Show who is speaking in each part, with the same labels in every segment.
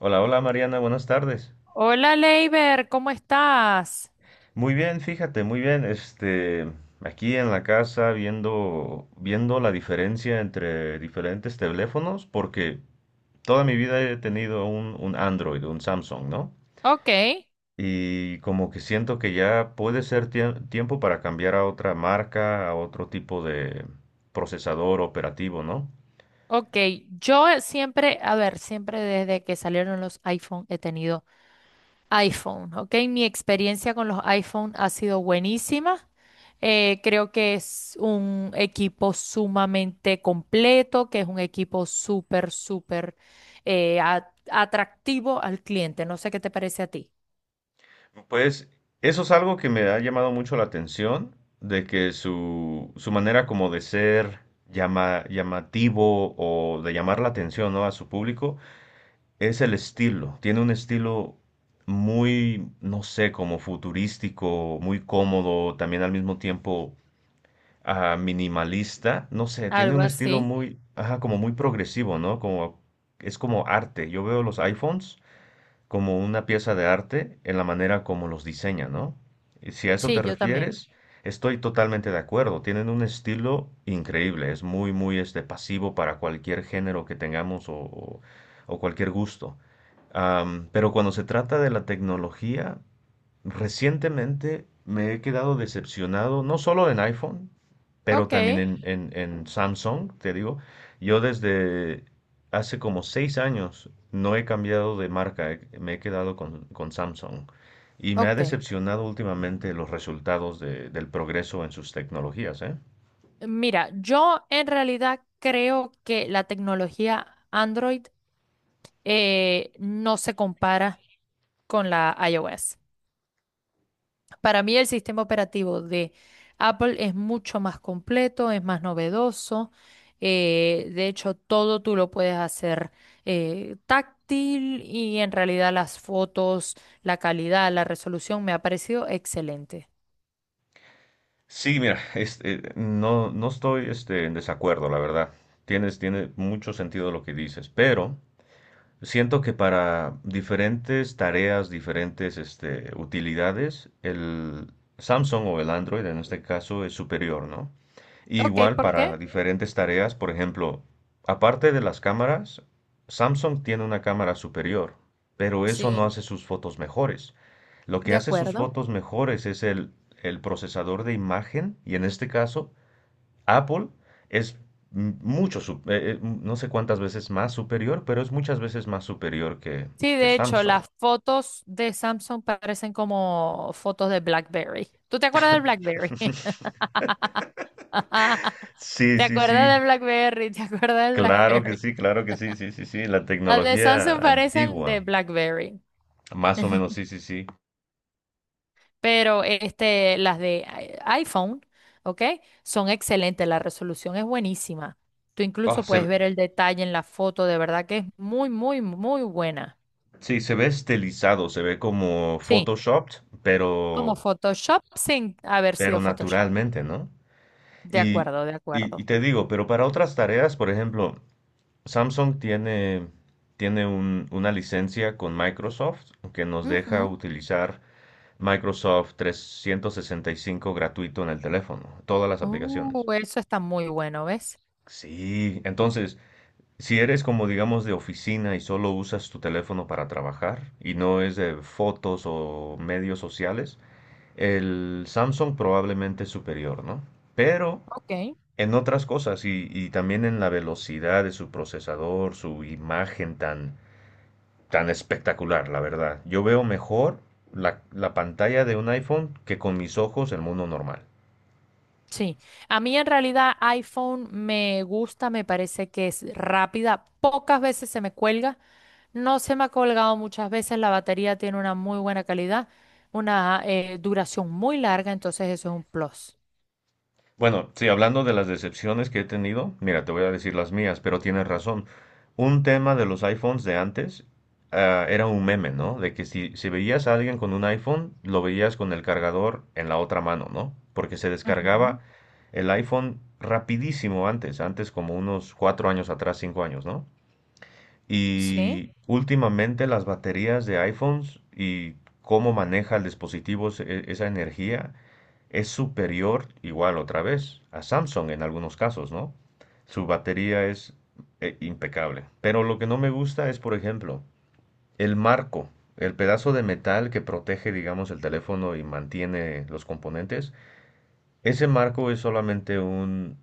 Speaker 1: Hola, hola Mariana, buenas tardes.
Speaker 2: Hola, Leiber, ¿cómo estás?
Speaker 1: Muy bien, fíjate, muy bien. Aquí en la casa viendo, la diferencia entre diferentes teléfonos, porque toda mi vida he tenido un Android, un Samsung, ¿no?
Speaker 2: Ok,
Speaker 1: Y como que siento que ya puede ser tiempo para cambiar a otra marca, a otro tipo de procesador operativo, ¿no?
Speaker 2: ok. Yo siempre, a ver, siempre desde que salieron los iPhone he tenido iPhone, ok. Mi experiencia con los iPhone ha sido buenísima. Creo que es un equipo sumamente completo, que es un equipo súper, súper atractivo al cliente. No sé qué te parece a ti.
Speaker 1: Pues eso es algo que me ha llamado mucho la atención, de que su manera como de ser llamativo o de llamar la atención, ¿no?, a su público es el estilo. Tiene un estilo muy, no sé, como futurístico, muy cómodo, también al mismo tiempo minimalista. No sé, tiene
Speaker 2: Algo
Speaker 1: un estilo
Speaker 2: así.
Speaker 1: muy, ajá, como muy progresivo, ¿no? Como, es como arte. Yo veo los iPhones como una pieza de arte en la manera como los diseña, ¿no? Y si a eso
Speaker 2: Sí,
Speaker 1: te
Speaker 2: yo también.
Speaker 1: refieres, estoy totalmente de acuerdo. Tienen un estilo increíble, es muy, muy este, pasivo para cualquier género que tengamos o cualquier gusto. Pero cuando se trata de la tecnología, recientemente me he quedado decepcionado, no solo en iPhone, pero
Speaker 2: Ok,
Speaker 1: también en Samsung, te digo. Yo desde hace como seis años no he cambiado de marca, me he quedado con Samsung. Y me ha
Speaker 2: ok.
Speaker 1: decepcionado últimamente los resultados del progreso en sus tecnologías, ¿eh?
Speaker 2: Mira, yo en realidad creo que la tecnología Android no se compara con la iOS. Para mí el sistema operativo de Apple es mucho más completo, es más novedoso. De hecho, todo tú lo puedes hacer táctil y en realidad las fotos, la calidad, la resolución me ha parecido excelente.
Speaker 1: Sí, mira, este, no estoy este, en desacuerdo, la verdad. Tiene mucho sentido lo que dices, pero siento que para diferentes tareas, diferentes este, utilidades, el Samsung o el Android en este caso es superior, ¿no? Y
Speaker 2: Ok,
Speaker 1: igual
Speaker 2: ¿por qué?
Speaker 1: para diferentes tareas, por ejemplo, aparte de las cámaras, Samsung tiene una cámara superior, pero eso no
Speaker 2: Sí,
Speaker 1: hace sus fotos mejores. Lo que
Speaker 2: de
Speaker 1: hace sus
Speaker 2: acuerdo.
Speaker 1: fotos mejores es el procesador de imagen y en este caso Apple es mucho, no sé cuántas veces más superior, pero es muchas veces más superior
Speaker 2: Sí,
Speaker 1: que
Speaker 2: de hecho,
Speaker 1: Samsung.
Speaker 2: las fotos de Samsung parecen como fotos de BlackBerry. ¿Tú te acuerdas del BlackBerry?
Speaker 1: Sí,
Speaker 2: ¿Te
Speaker 1: sí,
Speaker 2: acuerdas
Speaker 1: sí.
Speaker 2: del BlackBerry? ¿Te acuerdas del
Speaker 1: Claro que
Speaker 2: BlackBerry?
Speaker 1: sí, claro que sí, sí, sí, sí. La
Speaker 2: Las de
Speaker 1: tecnología
Speaker 2: Samsung parecen de
Speaker 1: antigua.
Speaker 2: BlackBerry,
Speaker 1: Más o menos, sí, sí, sí.
Speaker 2: pero este, las de iPhone, ¿ok? Son excelentes, la resolución es buenísima. Tú
Speaker 1: Ah,
Speaker 2: incluso
Speaker 1: se,
Speaker 2: puedes
Speaker 1: ve-
Speaker 2: ver el detalle en la foto, de verdad que es muy, muy, muy buena.
Speaker 1: sí, se ve estilizado, se ve como
Speaker 2: Sí,
Speaker 1: Photoshop
Speaker 2: como
Speaker 1: pero,
Speaker 2: Photoshop sin haber
Speaker 1: pero
Speaker 2: sido Photoshop.
Speaker 1: naturalmente, ¿no?
Speaker 2: De
Speaker 1: Y,
Speaker 2: acuerdo, de
Speaker 1: y
Speaker 2: acuerdo.
Speaker 1: te digo, pero para otras tareas, por ejemplo, Samsung tiene, tiene una licencia con Microsoft que nos deja
Speaker 2: Ujú.
Speaker 1: utilizar Microsoft 365 gratuito en el teléfono, todas las aplicaciones.
Speaker 2: Eso está muy bueno, ¿ves?
Speaker 1: Sí, entonces, si eres como digamos de oficina y solo usas tu teléfono para trabajar y no es de fotos o medios sociales, el Samsung probablemente es superior, ¿no? Pero
Speaker 2: Ok.
Speaker 1: en otras cosas y también en la velocidad de su procesador, su imagen tan tan espectacular, la verdad. Yo veo mejor la pantalla de un iPhone que con mis ojos el mundo normal.
Speaker 2: Sí. A mí en realidad iPhone me gusta, me parece que es rápida. Pocas veces se me cuelga. No se me ha colgado muchas veces. La batería tiene una muy buena calidad, una duración muy larga, entonces eso es un plus.
Speaker 1: Bueno, sí, hablando de las decepciones que he tenido, mira, te voy a decir las mías, pero tienes razón. Un tema de los iPhones de antes era un meme, ¿no? De que si, si veías a alguien con un iPhone, lo veías con el cargador en la otra mano, ¿no? Porque se
Speaker 2: Ujú.
Speaker 1: descargaba el iPhone rapidísimo antes, antes como unos cuatro años atrás, cinco años, ¿no?
Speaker 2: Sí,
Speaker 1: Y últimamente las baterías de iPhones y cómo maneja el dispositivo esa energía es superior, igual otra vez, a Samsung en algunos casos, ¿no? Su batería es impecable. Pero lo que no me gusta es, por ejemplo, el marco, el pedazo de metal que protege, digamos, el teléfono y mantiene los componentes. Ese marco es solamente un,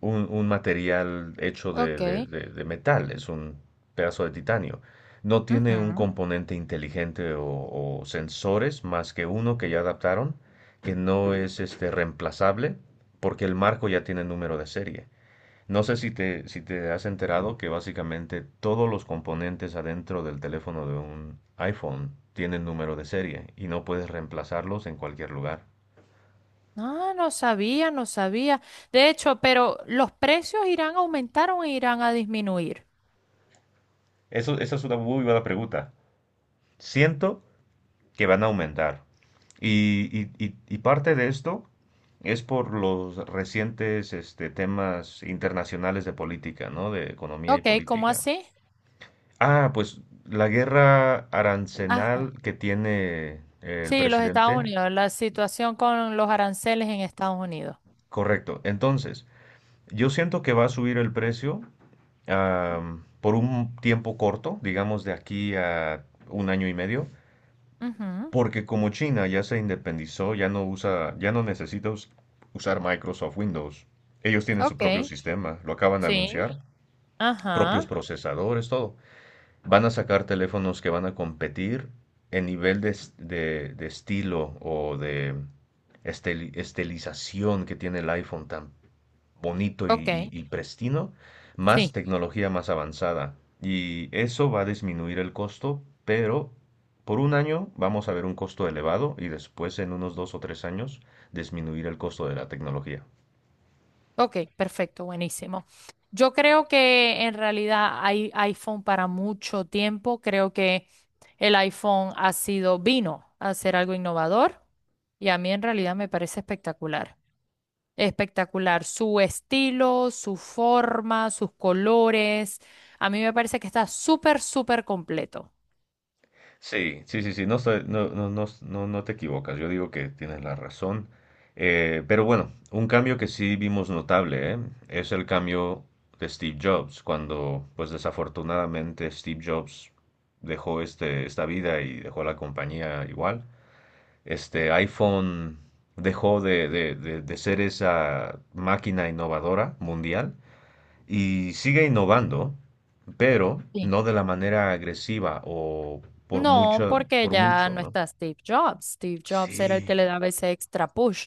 Speaker 1: un, un material hecho
Speaker 2: ok.
Speaker 1: de metal, es un pedazo de titanio. No tiene un
Speaker 2: Ujú.
Speaker 1: componente inteligente o sensores más que uno que ya adaptaron, que no es este reemplazable, porque el marco ya tiene número de serie. No sé si te, si te has enterado que básicamente todos los componentes adentro del teléfono de un iPhone tienen número de serie y no puedes reemplazarlos en cualquier lugar.
Speaker 2: Ah, no sabía, no sabía. De hecho, pero los precios irán a aumentar o irán a disminuir.
Speaker 1: Eso, esa es una muy buena pregunta. Siento que van a aumentar. Y y parte de esto es por los recientes este, temas internacionales de política, ¿no? De economía y
Speaker 2: Ok, ¿cómo
Speaker 1: política.
Speaker 2: así?
Speaker 1: Ah, pues la guerra arancenal que tiene el
Speaker 2: Sí, los Estados
Speaker 1: presidente.
Speaker 2: Unidos, la situación con los aranceles en Estados Unidos.
Speaker 1: Correcto. Entonces, yo siento que va a subir el precio por un tiempo corto, digamos de aquí a un año y medio,
Speaker 2: Ujú,
Speaker 1: porque como China ya se independizó, ya no usa, ya no necesita usar Microsoft Windows. Ellos tienen su propio
Speaker 2: ok,
Speaker 1: sistema, lo acaban de
Speaker 2: sí,
Speaker 1: anunciar, propios
Speaker 2: ajá,
Speaker 1: procesadores, todo. Van a sacar teléfonos que van a competir en nivel de, de estilo o de estilización que tiene el iPhone tan bonito
Speaker 2: ok,
Speaker 1: y pristino, más
Speaker 2: sí,
Speaker 1: tecnología más avanzada. Y eso va a disminuir el costo, pero por un año vamos a ver un costo elevado y después en unos dos o tres años disminuir el costo de la tecnología.
Speaker 2: ok, perfecto, buenísimo. Yo creo que en realidad hay iPhone para mucho tiempo. Creo que el iPhone ha sido, vino a ser algo innovador y a mí en realidad me parece espectacular. Espectacular, su estilo, su forma, sus colores. A mí me parece que está súper, súper completo.
Speaker 1: Sí, sí, sí, sí, no, no, no, no, no te equivocas, yo digo que tienes la razón. Pero bueno, un cambio que sí vimos notable, ¿eh? Es el cambio de Steve Jobs, cuando pues desafortunadamente Steve Jobs dejó este, esta vida y dejó la compañía igual. Este iPhone dejó de ser esa máquina innovadora mundial y sigue innovando, pero
Speaker 2: Sí.
Speaker 1: no de la manera agresiva o
Speaker 2: No, porque
Speaker 1: por
Speaker 2: ya
Speaker 1: mucho,
Speaker 2: no
Speaker 1: ¿no?
Speaker 2: está Steve Jobs. Steve Jobs era el que le
Speaker 1: Sí,
Speaker 2: daba ese extra push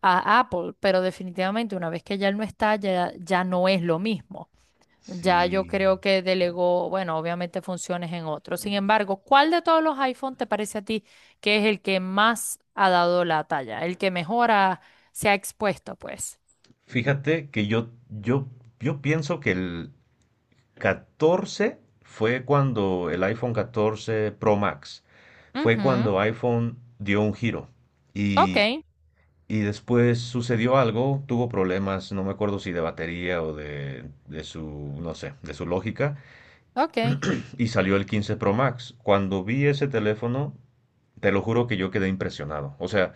Speaker 2: a Apple, pero definitivamente una vez que ya él no está, ya no es lo mismo. Ya yo
Speaker 1: sí.
Speaker 2: creo que delegó, bueno, obviamente funciones en otros. Sin embargo, ¿cuál de todos los iPhone te parece a ti que es el que más ha dado la talla? El que mejor se ha expuesto, pues.
Speaker 1: Fíjate que yo pienso que el 14 fue cuando el iPhone 14 Pro Max, fue
Speaker 2: Ujú,
Speaker 1: cuando iPhone dio un giro
Speaker 2: Ok,
Speaker 1: y, y después sucedió algo, tuvo problemas, no me acuerdo si de batería o de su, no sé, de su lógica
Speaker 2: ok,
Speaker 1: y salió el 15 Pro Max. Cuando vi ese teléfono, te lo juro que yo quedé impresionado. O sea,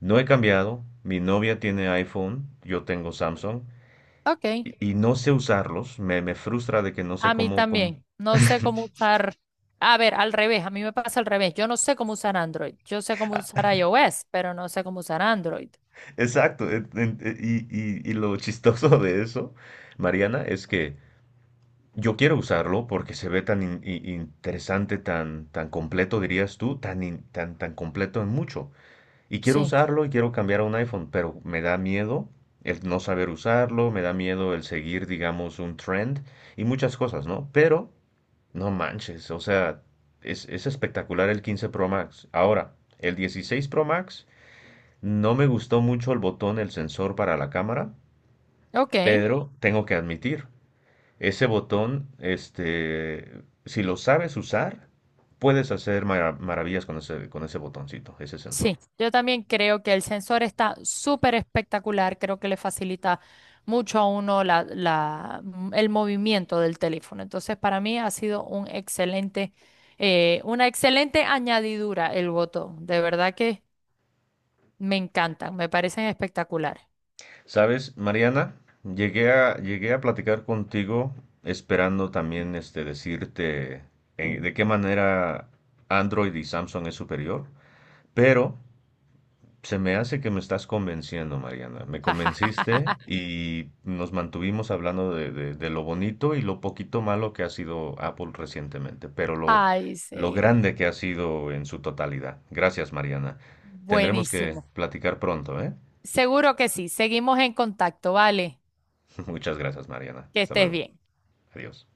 Speaker 1: no he cambiado, mi novia tiene iPhone, yo tengo Samsung
Speaker 2: ok.
Speaker 1: y no sé usarlos, me frustra de que no sé
Speaker 2: A mí
Speaker 1: cómo, cómo...
Speaker 2: también. No sé cómo usar. A ver, al revés, a mí me pasa al revés. Yo no sé cómo usar Android. Yo sé cómo usar iOS, pero no sé cómo usar Android.
Speaker 1: Exacto, y lo chistoso de eso, Mariana, es que yo quiero usarlo porque se ve tan interesante, tan, tan completo, dirías tú, tan, tan, tan completo en mucho. Y quiero
Speaker 2: Sí,
Speaker 1: usarlo y quiero cambiar a un iPhone, pero me da miedo el no saber usarlo, me da miedo el seguir, digamos, un trend y muchas cosas, ¿no? Pero, no manches, o sea, es espectacular el 15 Pro Max. Ahora, el 16 Pro Max, no me gustó mucho el botón, el sensor para la cámara,
Speaker 2: ok.
Speaker 1: pero tengo que admitir, ese botón, este, si lo sabes usar, puedes hacer maravillas con ese botoncito, ese sensor.
Speaker 2: Sí, yo también creo que el sensor está súper espectacular. Creo que le facilita mucho a uno el movimiento del teléfono. Entonces, para mí ha sido un excelente, una excelente añadidura el botón. De verdad que me encantan, me parecen espectaculares.
Speaker 1: Sabes, Mariana, llegué a platicar contigo esperando también este, decirte de qué manera Android y Samsung es superior, pero se me hace que me estás convenciendo, Mariana. Me convenciste y nos mantuvimos hablando de lo bonito y lo poquito malo que ha sido Apple recientemente, pero
Speaker 2: Ay,
Speaker 1: lo
Speaker 2: sí.
Speaker 1: grande que ha sido en su totalidad. Gracias, Mariana. Tendremos que
Speaker 2: Buenísimo.
Speaker 1: platicar pronto, ¿eh?
Speaker 2: Seguro que sí. Seguimos en contacto, ¿vale?
Speaker 1: Muchas gracias, Mariana.
Speaker 2: Que
Speaker 1: Hasta
Speaker 2: estés
Speaker 1: luego.
Speaker 2: bien.
Speaker 1: Adiós.